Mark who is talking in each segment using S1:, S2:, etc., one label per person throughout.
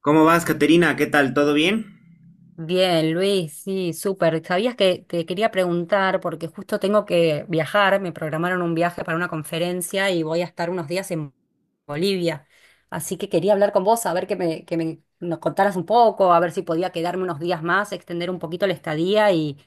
S1: ¿Cómo vas, Caterina? ¿Qué tal? ¿Todo bien?
S2: Bien, Luis, sí, súper. Sabías que te quería preguntar, porque justo tengo que viajar, me programaron un viaje para una conferencia y voy a estar unos días en Bolivia. Así que quería hablar con vos, a ver nos contaras un poco, a ver si podía quedarme unos días más, extender un poquito la estadía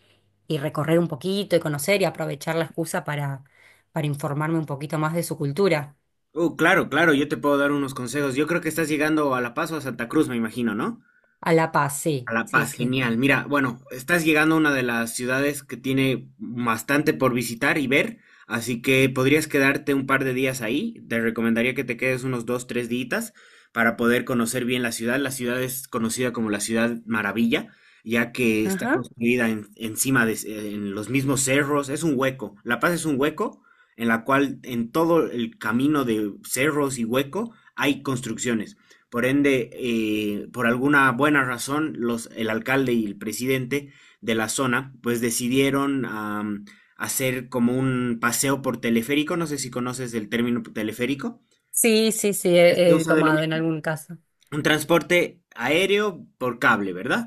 S2: y recorrer un poquito y conocer y aprovechar la excusa para informarme un poquito más de su cultura.
S1: Claro, claro, yo te puedo dar unos consejos. Yo creo que estás llegando a La Paz o a Santa Cruz, me imagino, ¿no?
S2: A La Paz,
S1: A
S2: sí,
S1: La
S2: sí,
S1: Paz,
S2: sí.
S1: genial. Mira, bueno, estás llegando a una de las ciudades que tiene bastante por visitar y ver, así que podrías quedarte un par de días ahí. Te recomendaría que te quedes unos 2, 3 días para poder conocer bien la ciudad. La ciudad es conocida como la Ciudad Maravilla, ya que está
S2: Ajá.
S1: construida encima de en los mismos cerros. Es un hueco. La Paz es un hueco en la cual en todo el camino de cerros y hueco hay construcciones. Por ende, por alguna buena razón, el alcalde y el presidente de la zona, pues decidieron hacer como un paseo por teleférico. No sé si conoces el término teleférico.
S2: Sí, sí, sí,
S1: Se
S2: he
S1: usa de lo
S2: tomado en
S1: mismo.
S2: algún caso.
S1: Un transporte aéreo por cable, ¿verdad?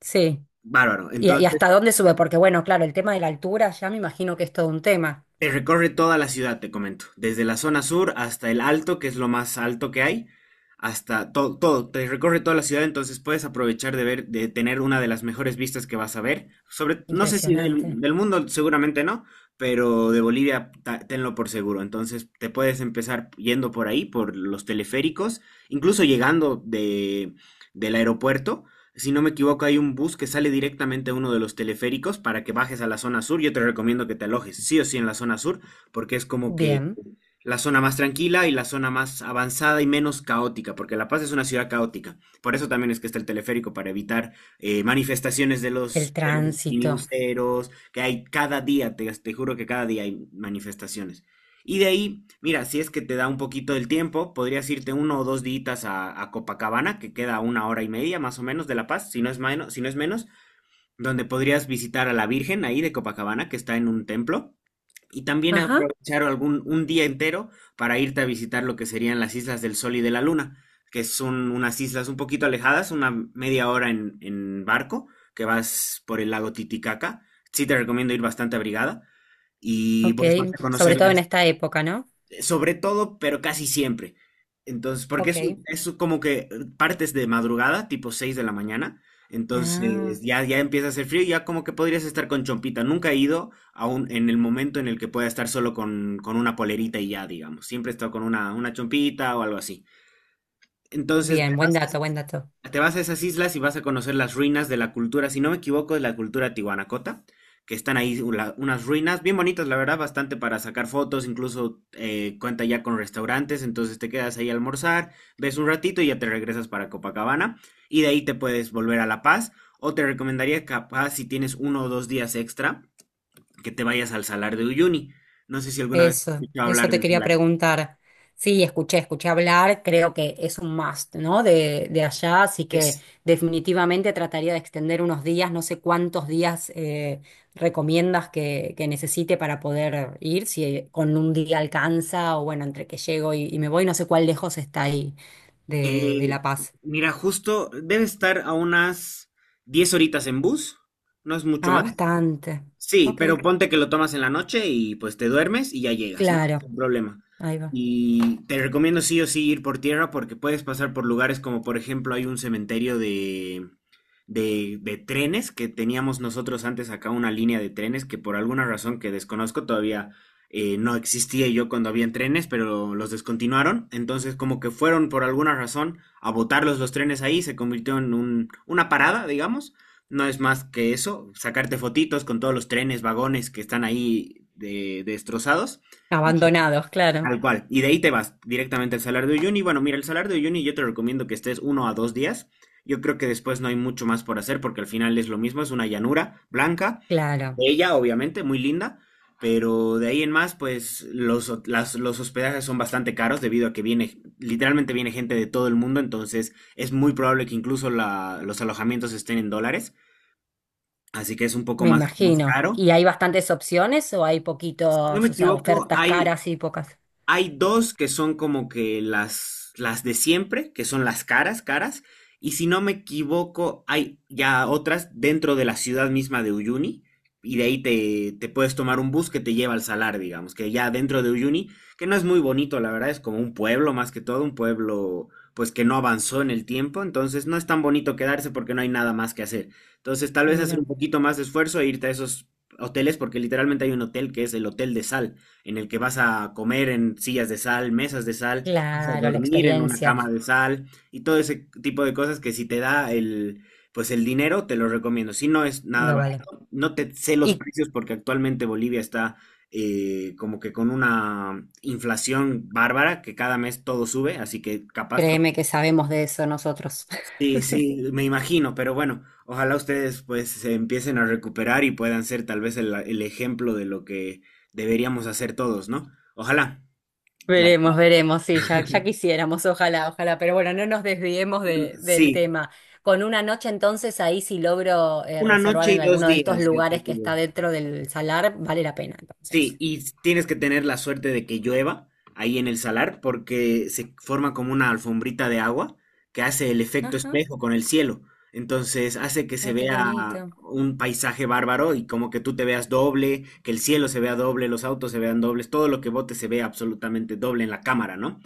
S2: Sí.
S1: Bárbaro.
S2: ¿Y
S1: Entonces,
S2: hasta dónde sube? Porque bueno, claro, el tema de la altura ya me imagino que es todo un tema.
S1: Recorre toda la ciudad, te comento, desde la zona sur hasta el alto, que es lo más alto que hay, hasta todo, todo, te recorre toda la ciudad, entonces puedes aprovechar de ver, de tener una de las mejores vistas que vas a ver, sobre, no sé si
S2: Impresionante.
S1: del mundo seguramente no, pero de Bolivia tenlo por seguro, entonces te puedes empezar yendo por ahí, por los teleféricos, incluso llegando del aeropuerto, si no me equivoco, hay un bus que sale directamente a uno de los teleféricos para que bajes a la zona sur. Yo te recomiendo que te alojes sí o sí en la zona sur, porque es como que
S2: Bien,
S1: la zona más tranquila y la zona más avanzada y menos caótica, porque La Paz es una ciudad caótica. Por eso también es que está el teleférico, para evitar manifestaciones de
S2: el
S1: los, de los
S2: tránsito.
S1: minibuseros, que hay cada día, te juro que cada día hay manifestaciones. Y de ahí, mira, si es que te da un poquito del tiempo, podrías irte uno o dos días a Copacabana, que queda a una hora y media más o menos de La Paz, si no es menos, si no es menos, donde podrías visitar a la Virgen ahí de Copacabana, que está en un templo y también
S2: Ajá,
S1: aprovechar algún un día entero para irte a visitar lo que serían las islas del Sol y de la Luna, que son unas islas un poquito alejadas, una media hora en barco, que vas por el lago Titicaca. Sí te recomiendo ir bastante abrigada y
S2: ok.
S1: pues vas a
S2: Sobre
S1: conocer
S2: todo en
S1: las
S2: esta época, ¿no?
S1: sobre todo, pero casi siempre. Entonces, porque
S2: Ok.
S1: es como que partes de madrugada, tipo 6 de la mañana. Entonces,
S2: Ah,
S1: ya, ya empieza a hacer frío y ya como que podrías estar con chompita. Nunca he ido aún en el momento en el que pueda estar solo con una polerita y ya, digamos. Siempre he estado con una chompita o algo así. Entonces,
S2: bien, buen dato, buen dato.
S1: te vas a esas islas y vas a conocer las ruinas de la cultura, si no me equivoco, de la cultura tihuanacota, que están ahí unas ruinas bien bonitas, la verdad, bastante para sacar fotos, incluso cuenta ya con restaurantes, entonces te quedas ahí a almorzar, ves un ratito y ya te regresas para Copacabana, y de ahí te puedes volver a La Paz, o te recomendaría capaz si tienes uno o dos días extra, que te vayas al Salar de Uyuni. No sé si alguna vez has
S2: Eso,
S1: escuchado
S2: eso
S1: hablar
S2: te
S1: del
S2: quería preguntar. Sí, escuché, escuché hablar, creo que es un must, ¿no? De allá, así que
S1: Salar.
S2: definitivamente trataría de extender unos días, no sé cuántos días recomiendas que necesite para poder ir, si con un día alcanza o bueno, entre que llego y me voy, no sé cuál lejos está ahí de
S1: Eh,
S2: La Paz.
S1: mira, justo debe estar a unas 10 horitas en bus, no es mucho
S2: Ah,
S1: más.
S2: bastante.
S1: Sí,
S2: Ok,
S1: pero ponte que lo tomas en la noche y pues te duermes y ya llegas, ¿no?
S2: claro,
S1: Sin problema.
S2: ahí va.
S1: Y te recomiendo sí o sí ir por tierra porque puedes pasar por lugares como por ejemplo hay un cementerio de, de trenes que teníamos nosotros antes acá una línea de trenes que por alguna razón que desconozco todavía no existía yo cuando habían trenes, pero los descontinuaron. Entonces como que fueron por alguna razón a botarlos los trenes ahí, se convirtió en una parada, digamos, no es más que eso, sacarte fotitos con todos los trenes, vagones que están ahí destrozados y
S2: Abandonados, claro,
S1: tal cual. Y de ahí te vas directamente al Salar de Uyuni. Bueno, mira, el Salar de Uyuni yo te recomiendo que estés uno a dos días. Yo creo que después no hay mucho más por hacer porque al final es lo mismo, es una llanura blanca,
S2: claro.
S1: bella, obviamente, muy linda, pero de ahí en más, pues los hospedajes son bastante caros debido a que viene, literalmente viene gente de todo el mundo, entonces es muy probable que incluso los alojamientos estén en dólares. Así que es un poco
S2: Me
S1: más, más
S2: imagino.
S1: caro.
S2: ¿Y hay bastantes opciones o hay
S1: Si no me
S2: poquitos, o sea,
S1: equivoco,
S2: ofertas caras y pocas?
S1: hay dos que son como que las de siempre, que son las caras, caras. Y si no me equivoco, hay ya otras dentro de la ciudad misma de Uyuni. Y de ahí te puedes tomar un bus que te lleva al salar, digamos, que ya dentro de Uyuni, que no es muy bonito, la verdad, es como un pueblo más que todo, un pueblo pues que no avanzó en el tiempo, entonces no es tan bonito quedarse porque no hay nada más que hacer. Entonces tal vez hacer un
S2: Mira.
S1: poquito más de esfuerzo e irte a esos hoteles, porque literalmente hay un hotel que es el Hotel de Sal, en el que vas a comer en sillas de sal, mesas de sal, vas a
S2: Claro, la
S1: dormir en una
S2: experiencia
S1: cama de sal y todo ese tipo de cosas que si te da pues el dinero, te lo recomiendo. Si no es nada
S2: lo vale.
S1: barato, no te sé los
S2: Y
S1: precios porque actualmente Bolivia está como que con una inflación bárbara que cada mes todo sube, así que capaz todo.
S2: créeme que sabemos de eso nosotros.
S1: Sí, sí, me imagino, pero bueno, ojalá ustedes pues se empiecen a recuperar y puedan ser tal vez el ejemplo de lo que deberíamos hacer todos, ¿no? Ojalá. La-
S2: Veremos, veremos, sí, ya, ya quisiéramos, ojalá, ojalá. Pero bueno, no nos desviemos de- del
S1: sí,
S2: tema. Con una noche entonces ahí si logro
S1: una
S2: reservar
S1: noche y
S2: en
S1: dos
S2: alguno de estos
S1: días, ya te
S2: lugares que está
S1: digo.
S2: dentro del salar, vale la pena
S1: Sí,
S2: entonces.
S1: y tienes que tener la suerte de que llueva ahí en el salar porque se forma como una alfombrita de agua que hace el efecto
S2: Ajá.
S1: espejo con el cielo. Entonces hace que se
S2: Ay, qué
S1: vea
S2: bonito.
S1: un paisaje bárbaro y como que tú te veas doble, que el cielo se vea doble, los autos se vean dobles, todo lo que bote se vea absolutamente doble en la cámara, ¿no?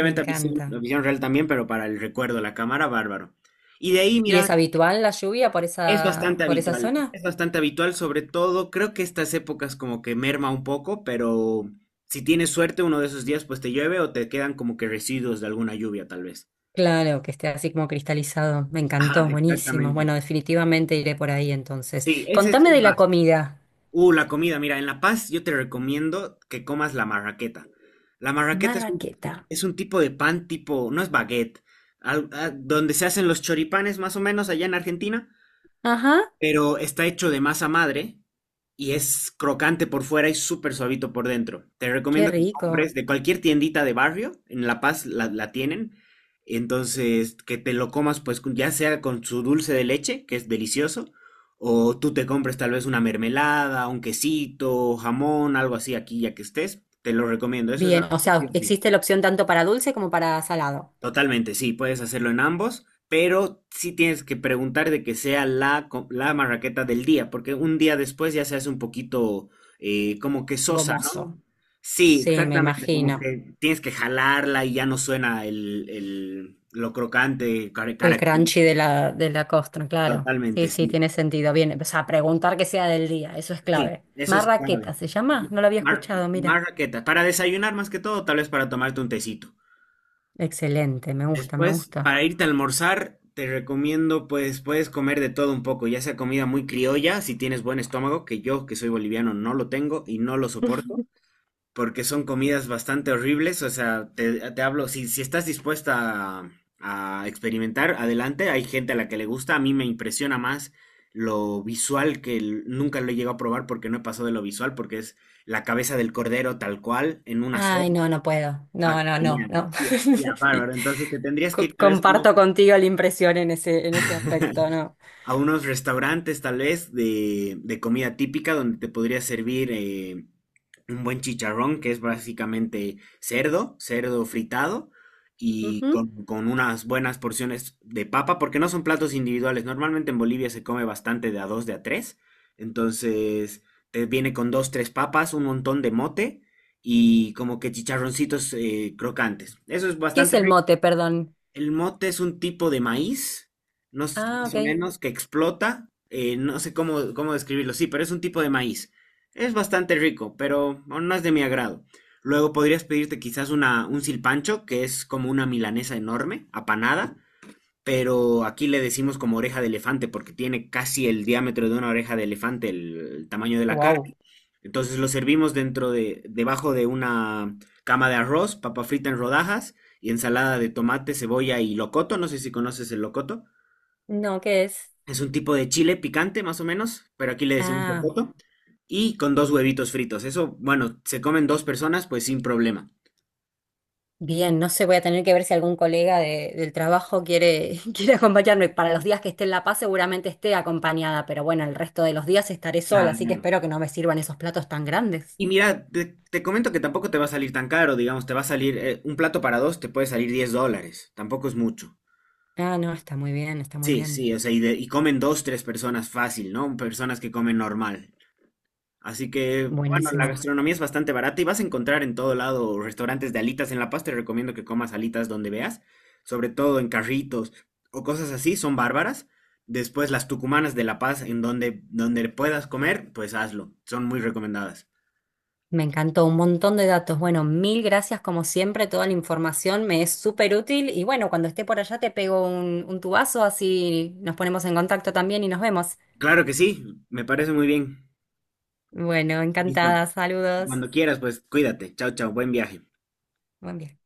S2: Me
S1: la
S2: encanta.
S1: visión real también, pero para el recuerdo, la cámara, bárbaro. Y de ahí,
S2: ¿Y
S1: mira,
S2: es habitual la lluvia
S1: es bastante
S2: por esa
S1: habitual,
S2: zona?
S1: es bastante habitual, sobre todo creo que estas épocas como que merma un poco, pero si tienes suerte uno de esos días pues te llueve o te quedan como que residuos de alguna lluvia tal vez.
S2: Claro, que esté así como cristalizado. Me
S1: Ajá,
S2: encantó, buenísimo.
S1: exactamente.
S2: Bueno, definitivamente iré por ahí entonces.
S1: Sí, ese es
S2: Contame
S1: el
S2: de la
S1: más.
S2: comida.
S1: La comida, mira, en La Paz yo te recomiendo que comas la marraqueta. La marraqueta
S2: Marraqueta.
S1: es un tipo de pan tipo, no es baguette, donde se hacen los choripanes más o menos allá en Argentina.
S2: Ajá,
S1: Pero está hecho de masa madre y es crocante por fuera y súper suavito por dentro. Te
S2: qué
S1: recomiendo que
S2: rico.
S1: compres de cualquier tiendita de barrio, en La Paz la tienen, entonces que te lo comas pues ya sea con su dulce de leche, que es delicioso, o tú te compres tal vez una mermelada, un quesito, jamón, algo así aquí ya que estés, te lo recomiendo, eso es algo
S2: Bien, o
S1: que sí
S2: sea,
S1: o sí.
S2: existe la opción tanto para dulce como para salado.
S1: Totalmente, sí, puedes hacerlo en ambos, pero sí tienes que preguntar de que sea la marraqueta del día, porque un día después ya se hace un poquito como que sosa,
S2: Gomoso.
S1: ¿no? Sí,
S2: Sí, me
S1: exactamente, como
S2: imagino.
S1: que tienes que jalarla y ya no suena lo crocante,
S2: El
S1: característico,
S2: crunchy de la costra, claro.
S1: totalmente,
S2: Sí, sí,
S1: sí.
S2: tiene sentido. Bien, o sea, preguntar que sea del día, eso es
S1: Sí,
S2: clave.
S1: eso es clave.
S2: Marraqueta, ¿se llama? No lo había
S1: Mar-
S2: escuchado, mira.
S1: marraqueta, para desayunar más que todo, tal vez para tomarte un tecito.
S2: Excelente, me gusta, me
S1: Después,
S2: gusta.
S1: para irte a almorzar, te recomiendo, pues, puedes comer de todo un poco, ya sea comida muy criolla, si tienes buen estómago, que yo, que soy boliviano, no lo tengo y no lo soporto, porque son comidas bastante horribles, o sea, te hablo, si estás dispuesta a experimentar, adelante, hay gente a la que le gusta, a mí me impresiona más lo visual, que nunca lo he llegado a probar porque no he pasado de lo visual, porque es la cabeza del cordero tal cual, en una
S2: Ay,
S1: sopa.
S2: no, no puedo.
S1: Ah,
S2: No, no, no,
S1: genial.
S2: no.
S1: Ya, ya,
S2: Sí.
S1: bárbaro. Entonces te tendrías que
S2: Co-
S1: ir tal vez
S2: comparto contigo la impresión en ese aspecto, ¿no?
S1: a unos restaurantes tal vez de comida típica donde te podría servir un buen chicharrón, que es básicamente cerdo, cerdo fritado y
S2: Ujú.
S1: con unas buenas porciones de papa, porque no son platos individuales. Normalmente en Bolivia se come bastante de a dos, de a tres. Entonces, te viene con dos, tres papas, un montón de mote y como que chicharroncitos crocantes. Eso es
S2: ¿Qué es
S1: bastante
S2: el
S1: rico.
S2: mote, perdón?
S1: El mote es un tipo de maíz, no
S2: Ah,
S1: más o
S2: ok.
S1: menos, que explota. No sé cómo describirlo, sí, pero es un tipo de maíz. Es bastante rico, pero bueno, no es de mi agrado. Luego podrías pedirte quizás un silpancho, que es como una milanesa enorme, apanada, pero aquí le decimos como oreja de elefante porque tiene casi el diámetro de una oreja de elefante, el tamaño de la carne.
S2: Wow.
S1: Entonces lo servimos debajo de una cama de arroz, papa frita en rodajas y ensalada de tomate, cebolla y locoto. No sé si conoces el locoto.
S2: No, ¿qué es?
S1: Es un tipo de chile picante, más o menos, pero aquí le decimos
S2: Ah,
S1: locoto. Y con dos huevitos fritos. Eso, bueno, se comen dos personas, pues sin problema.
S2: bien, no sé, voy a tener que ver si algún colega de- del trabajo quiere, quiere acompañarme. Para los días que esté en La Paz seguramente esté acompañada, pero bueno, el resto de los días estaré sola, así que
S1: Claro.
S2: espero que no me sirvan esos platos tan grandes.
S1: Y mira, te comento que tampoco te va a salir tan caro, digamos, te va a salir un plato para dos, te puede salir $10, tampoco es mucho.
S2: Ah, no, está muy bien, está muy
S1: Sí,
S2: bien.
S1: sí, o sea, y comen dos, tres personas fácil, ¿no? Personas que comen normal. Así que, bueno, la
S2: Buenísimo.
S1: gastronomía es bastante barata y vas a encontrar en todo lado restaurantes de alitas. En La Paz te recomiendo que comas alitas donde veas, sobre todo en carritos o cosas así, son bárbaras. Después las tucumanas de La Paz, en donde puedas comer, pues hazlo, son muy recomendadas.
S2: Me encantó un montón de datos. Bueno, mil gracias como siempre, toda la información me es súper útil y bueno, cuando esté por allá te pego un tubazo, así nos ponemos en contacto también y nos vemos.
S1: Claro que sí, me parece muy bien.
S2: Bueno,
S1: Listo.
S2: encantada, saludos.
S1: Cuando quieras, pues cuídate. Chao, chao. Buen viaje.
S2: Buen viaje.